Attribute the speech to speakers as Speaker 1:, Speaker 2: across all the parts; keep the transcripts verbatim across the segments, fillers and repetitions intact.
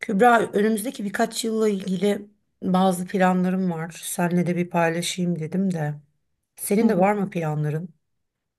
Speaker 1: Kübra, önümüzdeki birkaç yılla ilgili bazı planlarım var. Seninle de bir paylaşayım dedim de.
Speaker 2: Hı
Speaker 1: Senin de
Speaker 2: hı.
Speaker 1: var mı planların?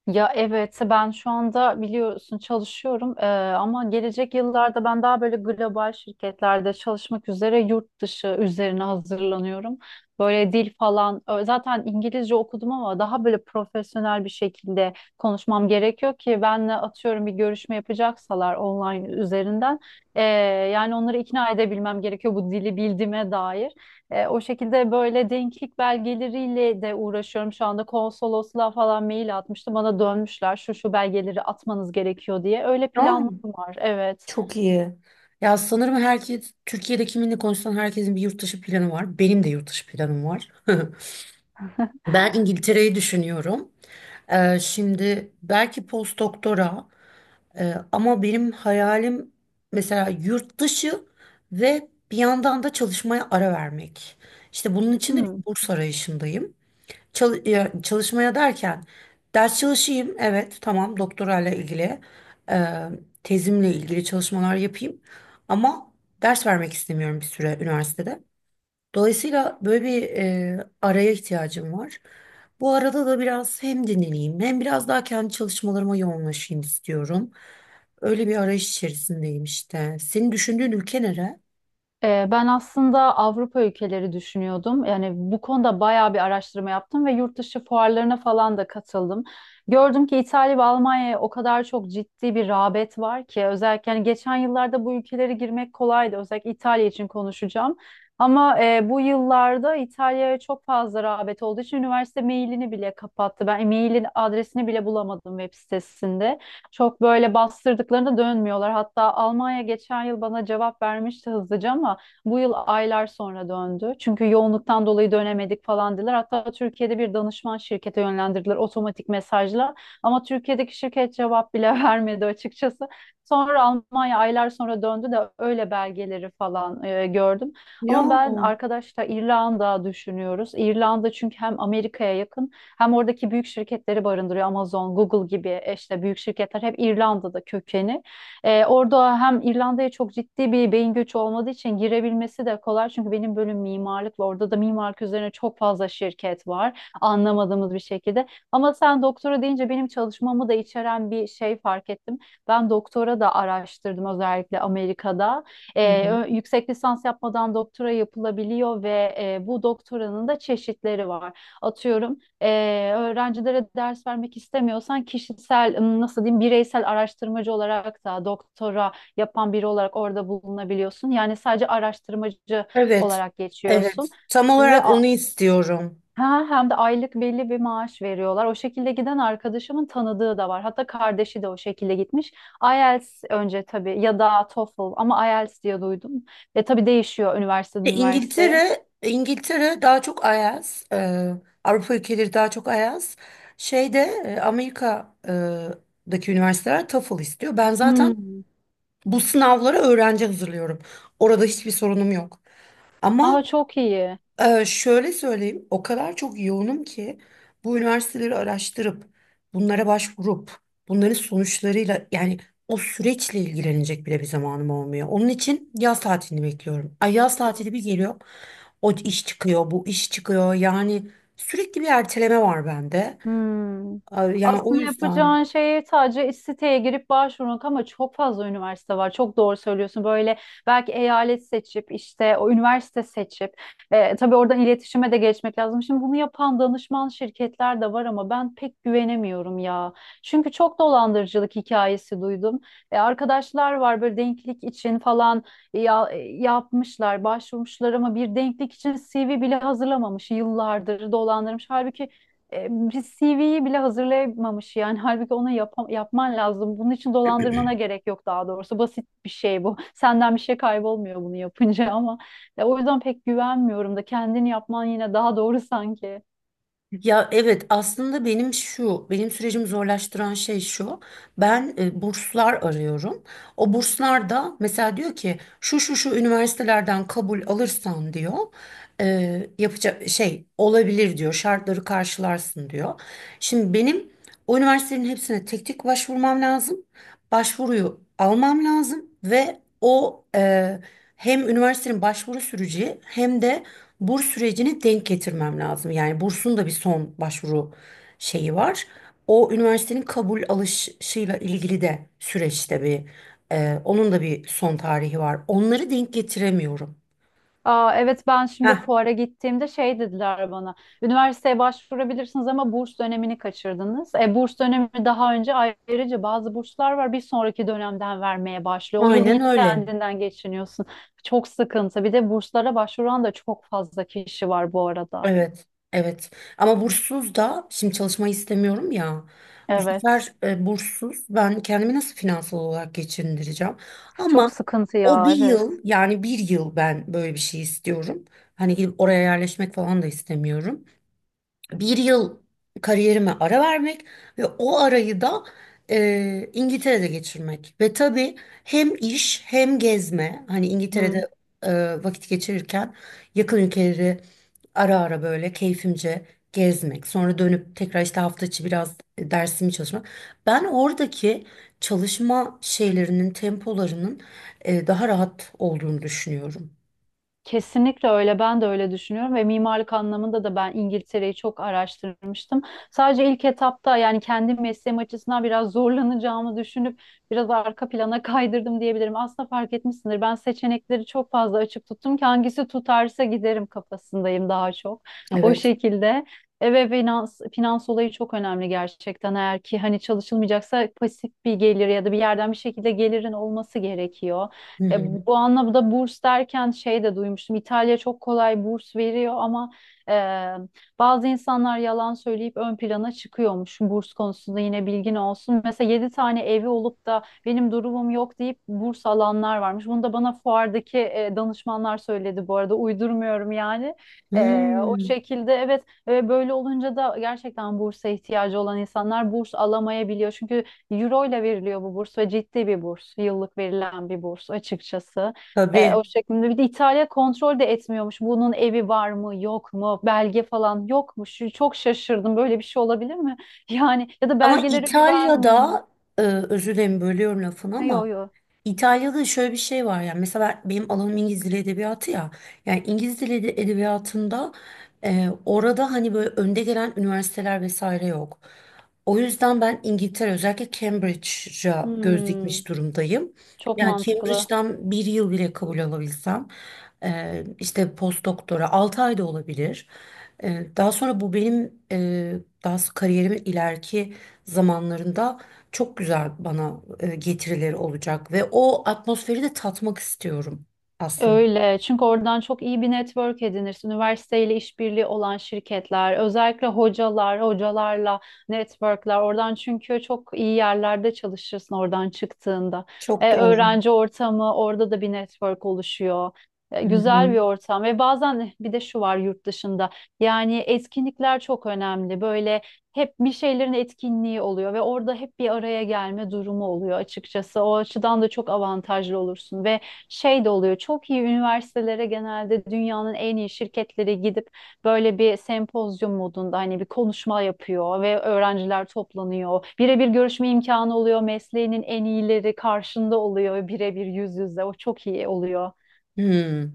Speaker 2: Ya evet ben şu anda biliyorsun çalışıyorum Ee, ama gelecek yıllarda ben daha böyle global şirketlerde çalışmak üzere yurt dışı üzerine hazırlanıyorum. Böyle dil falan ö- zaten İngilizce okudum ama daha böyle profesyonel bir şekilde konuşmam gerekiyor ki benle atıyorum bir görüşme yapacaksalar online üzerinden ee, yani onları ikna edebilmem gerekiyor bu dili bildiğime dair. E, o şekilde böyle denklik belgeleriyle de uğraşıyorum şu anda. Konsolosluğa falan mail atmıştım. Bana dönmüşler şu şu belgeleri atmanız gerekiyor diye. Öyle
Speaker 1: Aa,
Speaker 2: planlarım var. Evet.
Speaker 1: çok iyi. Ya sanırım herkes, Türkiye'de kiminle konuşsan herkesin bir yurt dışı planı var. Benim de yurt dışı planım var. Ben İngiltere'yi düşünüyorum. Ee, şimdi belki post doktora Ee, ama benim hayalim mesela yurt dışı ve bir yandan da çalışmaya ara vermek. İşte bunun için de bir
Speaker 2: Hmm.
Speaker 1: burs arayışındayım. Çal- ya, çalışmaya derken ders çalışayım, evet tamam doktorayla ilgili, e, tezimle ilgili çalışmalar yapayım. Ama ders vermek istemiyorum bir süre üniversitede. Dolayısıyla böyle bir e, araya ihtiyacım var. Bu arada da biraz hem dinleneyim hem biraz daha kendi çalışmalarıma yoğunlaşayım istiyorum. Öyle bir arayış içerisindeyim işte. Senin düşündüğün ülke nere?
Speaker 2: Ee, Ben aslında Avrupa ülkeleri düşünüyordum. Yani bu konuda bayağı bir araştırma yaptım ve yurt dışı fuarlarına falan da katıldım. Gördüm ki İtalya ve Almanya'ya o kadar çok ciddi bir rağbet var ki, özellikle yani geçen yıllarda bu ülkelere girmek kolaydı. Özellikle İtalya için konuşacağım. Ama e, bu yıllarda İtalya'ya çok fazla rağbet olduğu için üniversite mailini bile kapattı. Ben mailin adresini bile bulamadım web sitesinde. Çok böyle bastırdıklarında dönmüyorlar. Hatta Almanya geçen yıl bana cevap vermişti hızlıca ama bu yıl aylar sonra döndü. Çünkü yoğunluktan dolayı dönemedik falan dediler. Hatta Türkiye'de bir danışman şirkete yönlendirdiler otomatik mesajla. Ama Türkiye'deki şirket cevap bile vermedi açıkçası. Sonra Almanya aylar sonra döndü de öyle belgeleri falan e, gördüm.
Speaker 1: Ya.
Speaker 2: Ama ben arkadaşlar İrlanda düşünüyoruz. İrlanda çünkü hem Amerika'ya yakın hem oradaki büyük şirketleri barındırıyor. Amazon, Google gibi e, işte büyük şirketler hep İrlanda'da kökeni. Ee, orada hem İrlanda'ya çok ciddi bir beyin göçü olmadığı için girebilmesi de kolay. Çünkü benim bölüm mimarlık ve orada da mimarlık üzerine çok fazla şirket var. Anlamadığımız bir şekilde. Ama sen doktora deyince benim çalışmamı da içeren bir şey fark ettim. Ben doktora da araştırdım özellikle Amerika'da.
Speaker 1: Hı
Speaker 2: Ee,
Speaker 1: hı.
Speaker 2: ö- yüksek lisans yapmadan doktora yapılabiliyor ve e, bu doktoranın da çeşitleri var. Atıyorum ee, öğrencilere ders vermek istemiyorsan kişisel, ım, nasıl diyeyim, bireysel araştırmacı olarak da doktora yapan biri olarak orada bulunabiliyorsun. Yani sadece araştırmacı
Speaker 1: Evet.
Speaker 2: olarak geçiyorsun
Speaker 1: Evet. Tam
Speaker 2: ve
Speaker 1: olarak
Speaker 2: a-
Speaker 1: onu istiyorum.
Speaker 2: ha, hem de aylık belli bir maaş veriyorlar. O şekilde giden arkadaşımın tanıdığı da var. Hatta kardeşi de o şekilde gitmiş. IELTS önce tabii ya da TOEFL ama IELTS diye duydum. Ve tabii değişiyor üniversiteden
Speaker 1: E,
Speaker 2: üniversiteye.
Speaker 1: İngiltere, İngiltere daha çok ayaz. e, Avrupa ülkeleri daha çok ayaz. Şeyde e, Amerika'daki üniversiteler TOEFL istiyor. Ben zaten
Speaker 2: Hmm.
Speaker 1: bu sınavlara öğrenci hazırlıyorum. Orada hiçbir sorunum yok. Ama
Speaker 2: Aa, çok iyi.
Speaker 1: e, şöyle söyleyeyim, o kadar çok yoğunum ki bu üniversiteleri araştırıp, bunlara başvurup, bunların sonuçlarıyla yani o süreçle ilgilenecek bile bir zamanım olmuyor. Onun için yaz tatilini bekliyorum. Ay yaz tatili bir geliyor, o iş çıkıyor, bu iş çıkıyor. Yani sürekli bir erteleme var bende.
Speaker 2: Hmm.
Speaker 1: Ay, yani o
Speaker 2: Aslında
Speaker 1: yüzden.
Speaker 2: yapacağın şey sadece iş siteye girip başvurmak ama çok fazla üniversite var. Çok doğru söylüyorsun. Böyle belki eyalet seçip işte o üniversite seçip e, tabii oradan iletişime de geçmek lazım. Şimdi bunu yapan danışman şirketler de var ama ben pek güvenemiyorum ya. Çünkü çok dolandırıcılık hikayesi duydum. E, arkadaşlar var böyle denklik için falan ya, e, yapmışlar, başvurmuşlar ama bir denklik için C V bile hazırlamamış. Yıllardır dolandırmış. Halbuki e, bir C V'yi bile hazırlayamamış yani, halbuki ona yapam- yapman lazım. Bunun için dolandırmana gerek yok daha doğrusu. Basit bir şey bu. Senden bir şey kaybolmuyor bunu yapınca ama ya, o yüzden pek güvenmiyorum da, kendini yapman yine daha doğru sanki.
Speaker 1: Ya evet aslında benim şu benim sürecimi zorlaştıran şey şu, ben e, burslar arıyorum, o burslar da mesela diyor ki şu şu şu üniversitelerden kabul alırsan diyor, e, yapacak şey olabilir diyor, şartları karşılarsın diyor. Şimdi benim o üniversitelerin hepsine tek tek başvurmam lazım, başvuruyu almam lazım ve o e, hem üniversitenin başvuru süreci hem de burs sürecini denk getirmem lazım. Yani bursun da bir son başvuru şeyi var. O üniversitenin kabul alışıyla ilgili de süreçte bir e, onun da bir son tarihi var. Onları denk getiremiyorum.
Speaker 2: Aa, evet ben şimdi
Speaker 1: Heh,
Speaker 2: fuara gittiğimde şey dediler bana. Üniversiteye başvurabilirsiniz ama burs dönemini kaçırdınız. E, burs dönemi daha önce, ayrıca bazı burslar var bir sonraki dönemden vermeye başlıyor. O yıl
Speaker 1: aynen
Speaker 2: yine
Speaker 1: öyle.
Speaker 2: kendinden geçiniyorsun. Çok sıkıntı. Bir de burslara başvuran da çok fazla kişi var bu arada.
Speaker 1: Evet, evet. Ama burssuz da şimdi çalışmayı istemiyorum ya. Bu
Speaker 2: Evet.
Speaker 1: sefer e, burssuz ben kendimi nasıl finansal olarak geçindireceğim?
Speaker 2: Çok
Speaker 1: Ama
Speaker 2: sıkıntı
Speaker 1: o
Speaker 2: ya,
Speaker 1: bir
Speaker 2: evet.
Speaker 1: yıl yani bir yıl ben böyle bir şey istiyorum. Hani gidip oraya yerleşmek falan da istemiyorum, bir yıl kariyerime ara vermek ve o arayı da e, İngiltere'de geçirmek. Ve tabii hem iş hem gezme. Hani İngiltere'de
Speaker 2: Hı.
Speaker 1: e, vakit geçirirken yakın ülkeleri ara ara böyle keyfimce gezmek. Sonra dönüp tekrar işte hafta içi biraz dersimi çalışmak. Ben oradaki çalışma şeylerinin, tempolarının e, daha rahat olduğunu düşünüyorum.
Speaker 2: Kesinlikle öyle. Ben de öyle düşünüyorum ve mimarlık anlamında da ben İngiltere'yi çok araştırmıştım. Sadece ilk etapta yani kendi mesleğim açısından biraz zorlanacağımı düşünüp biraz arka plana kaydırdım diyebilirim. Aslında fark etmişsindir. Ben seçenekleri çok fazla açık tuttum ki hangisi tutarsa giderim kafasındayım daha çok. O
Speaker 1: Evet.
Speaker 2: şekilde. E, Ve finans, finans olayı çok önemli gerçekten. Eğer ki hani çalışılmayacaksa pasif bir gelir ya da bir yerden bir şekilde gelirin olması gerekiyor.
Speaker 1: Hı
Speaker 2: E,
Speaker 1: hı.
Speaker 2: bu anlamda burs derken şey de duymuştum. İtalya çok kolay burs veriyor ama e, bazı insanlar yalan söyleyip ön plana çıkıyormuş. Burs konusunda yine bilgin olsun. Mesela yedi tane evi olup da benim durumum yok deyip burs alanlar varmış. Bunu da bana fuardaki e, danışmanlar söyledi bu arada. Uydurmuyorum yani. E, o
Speaker 1: Hmm.
Speaker 2: şekilde, evet, e, böyle olunca da gerçekten bursa ihtiyacı olan insanlar burs alamayabiliyor. Çünkü Euro ile veriliyor bu burs ve ciddi bir burs. Yıllık verilen bir burs açıkçası. Ee, o
Speaker 1: Tabii.
Speaker 2: şeklinde. Bir de İtalya kontrol de etmiyormuş. Bunun evi var mı, yok mu, belge falan yok yokmuş. Çok şaşırdım. Böyle bir şey olabilir mi? Yani ya da
Speaker 1: Ama
Speaker 2: belgelere güvenmiyor mu?
Speaker 1: İtalya'da e, özür dilerim bölüyorum lafını ama
Speaker 2: Yok, yok.
Speaker 1: İtalya'da şöyle bir şey var, yani mesela ben- benim alanım İngiliz Dili Edebiyatı ya, yani İngiliz Dili Ede- Edebiyatı'nda e, orada hani böyle önde gelen üniversiteler vesaire yok. O yüzden ben İngiltere özellikle Cambridge'a göz dikmiş
Speaker 2: Hmm,
Speaker 1: durumdayım.
Speaker 2: çok
Speaker 1: Yani
Speaker 2: mantıklı.
Speaker 1: Cambridge'den bir yıl bile kabul alabilsem e, işte post doktora altı ay da olabilir. E, daha sonra bu benim e, daha s- kariyerimin ileriki zamanlarında çok güzel bana e, getirileri olacak ve o atmosferi de tatmak istiyorum aslında.
Speaker 2: Öyle. Çünkü oradan çok iyi bir network edinirsin. Üniversiteyle işbirliği olan şirketler, özellikle hocalar, hocalarla networkler. Oradan, çünkü çok iyi yerlerde çalışırsın oradan çıktığında.
Speaker 1: Çok
Speaker 2: E,
Speaker 1: doğru.
Speaker 2: öğrenci ortamı, orada da bir network oluşuyor. E,
Speaker 1: Hı hı.
Speaker 2: güzel bir ortam ve bazen bir de şu var yurt dışında. Yani etkinlikler çok önemli. Böyle hep bir şeylerin etkinliği oluyor ve orada hep bir araya gelme durumu oluyor açıkçası. O açıdan da çok avantajlı olursun ve şey de oluyor. Çok iyi üniversitelere genelde dünyanın en iyi şirketleri gidip böyle bir sempozyum modunda hani bir konuşma yapıyor ve öğrenciler toplanıyor. Birebir görüşme imkanı oluyor. Mesleğinin en iyileri karşında oluyor, birebir yüz yüze. O çok iyi oluyor.
Speaker 1: Hı.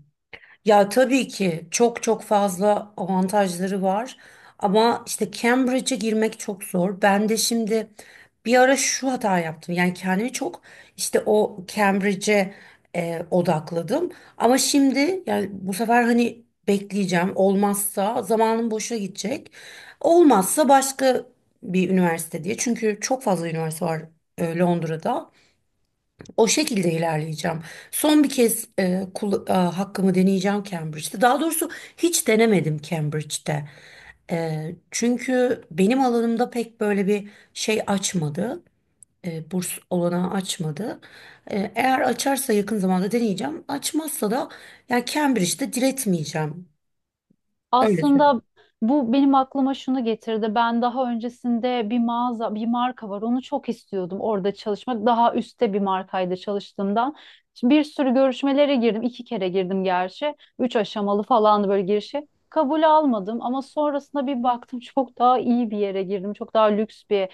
Speaker 1: Ya tabii ki çok çok fazla avantajları var ama işte Cambridge'e girmek çok zor. Ben de şimdi bir ara şu hata yaptım. Yani kendimi çok işte o Cambridge'e e, odakladım. Ama şimdi yani bu sefer hani bekleyeceğim. Olmazsa zamanım boşa gidecek. Olmazsa başka bir üniversite diye. Çünkü çok fazla üniversite var e, Londra'da. O şekilde ilerleyeceğim. Son bir kez e, kul- e, hakkımı deneyeceğim Cambridge'de. Daha doğrusu hiç denemedim Cambridge'de. E, çünkü benim alanımda pek böyle bir şey açmadı. E, burs olanağı açmadı. E, eğer açarsa yakın zamanda deneyeceğim. Açmazsa da yani Cambridge'de diretmeyeceğim. Öyle söyleyeyim.
Speaker 2: Aslında bu benim aklıma şunu getirdi. Ben daha öncesinde bir mağaza, bir marka var. Onu çok istiyordum orada çalışmak. Daha üstte bir markaydı çalıştığımdan. Şimdi bir sürü görüşmelere girdim. İki kere girdim gerçi. Üç aşamalı falandı böyle girişi. Kabul almadım ama sonrasında bir baktım çok daha iyi bir yere girdim. Çok daha lüks bir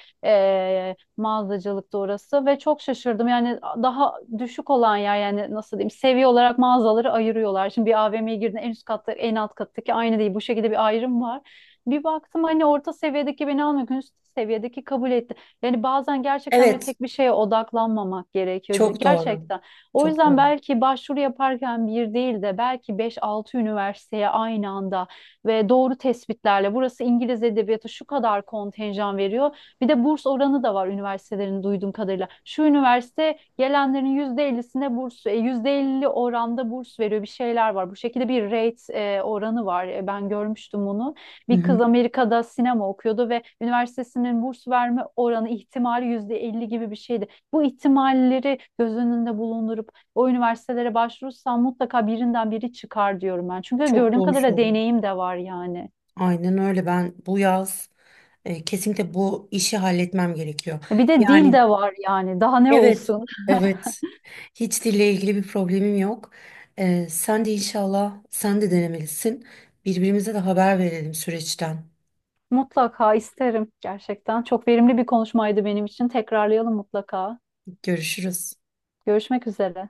Speaker 2: mağazacılıktı orası ve çok şaşırdım. Yani daha düşük olan yer, yani nasıl diyeyim, seviye olarak mağazaları ayırıyorlar. Şimdi bir A V M'ye girdiğinde en üst katta en alt kattaki aynı değil. Bu şekilde bir ayrım var. Bir baktım hani orta seviyedeki beni almıyor. Üst seviyedeki kabul etti. Yani bazen gerçekten böyle
Speaker 1: Evet,
Speaker 2: tek bir şeye odaklanmamak gerekiyor. C-
Speaker 1: çok doğru.
Speaker 2: Gerçekten. O
Speaker 1: Çok
Speaker 2: yüzden
Speaker 1: doğru.
Speaker 2: belki başvuru yaparken bir değil de belki beş altı üniversiteye aynı anda ve doğru tespitlerle, burası İngiliz edebiyatı şu kadar kontenjan veriyor. Bir de burs oranı da var üniversitelerin duyduğum kadarıyla. Şu üniversite gelenlerin yüzde elli'sine burs, e, yüzde elli oranda burs veriyor, bir şeyler var. Bu şekilde bir rate, e, oranı var. E, Ben görmüştüm bunu.
Speaker 1: Hı
Speaker 2: Bir
Speaker 1: hı.
Speaker 2: kız Amerika'da sinema okuyordu ve üniversitesinin burs verme oranı ihtimali yüzde elli gibi bir şeydi. Bu ihtimalleri göz önünde bulundurup o üniversitelere başvurursam mutlaka birinden biri çıkar diyorum ben. Çünkü
Speaker 1: Çok
Speaker 2: gördüğüm
Speaker 1: doğru
Speaker 2: kadarıyla
Speaker 1: söylüyorsun.
Speaker 2: deneyim de var yani.
Speaker 1: Aynen öyle. Ben bu yaz e, kesinlikle bu işi halletmem gerekiyor.
Speaker 2: E, Bir de dil
Speaker 1: Yani
Speaker 2: de var yani. Daha ne
Speaker 1: evet,
Speaker 2: olsun?
Speaker 1: evet. Hiç dille ilgili bir problemim yok. E, sen de inşallah sen de denemelisin. Birbirimize de haber verelim süreçten.
Speaker 2: Mutlaka isterim gerçekten. Çok verimli bir konuşmaydı benim için. Tekrarlayalım mutlaka.
Speaker 1: Görüşürüz.
Speaker 2: Görüşmek üzere.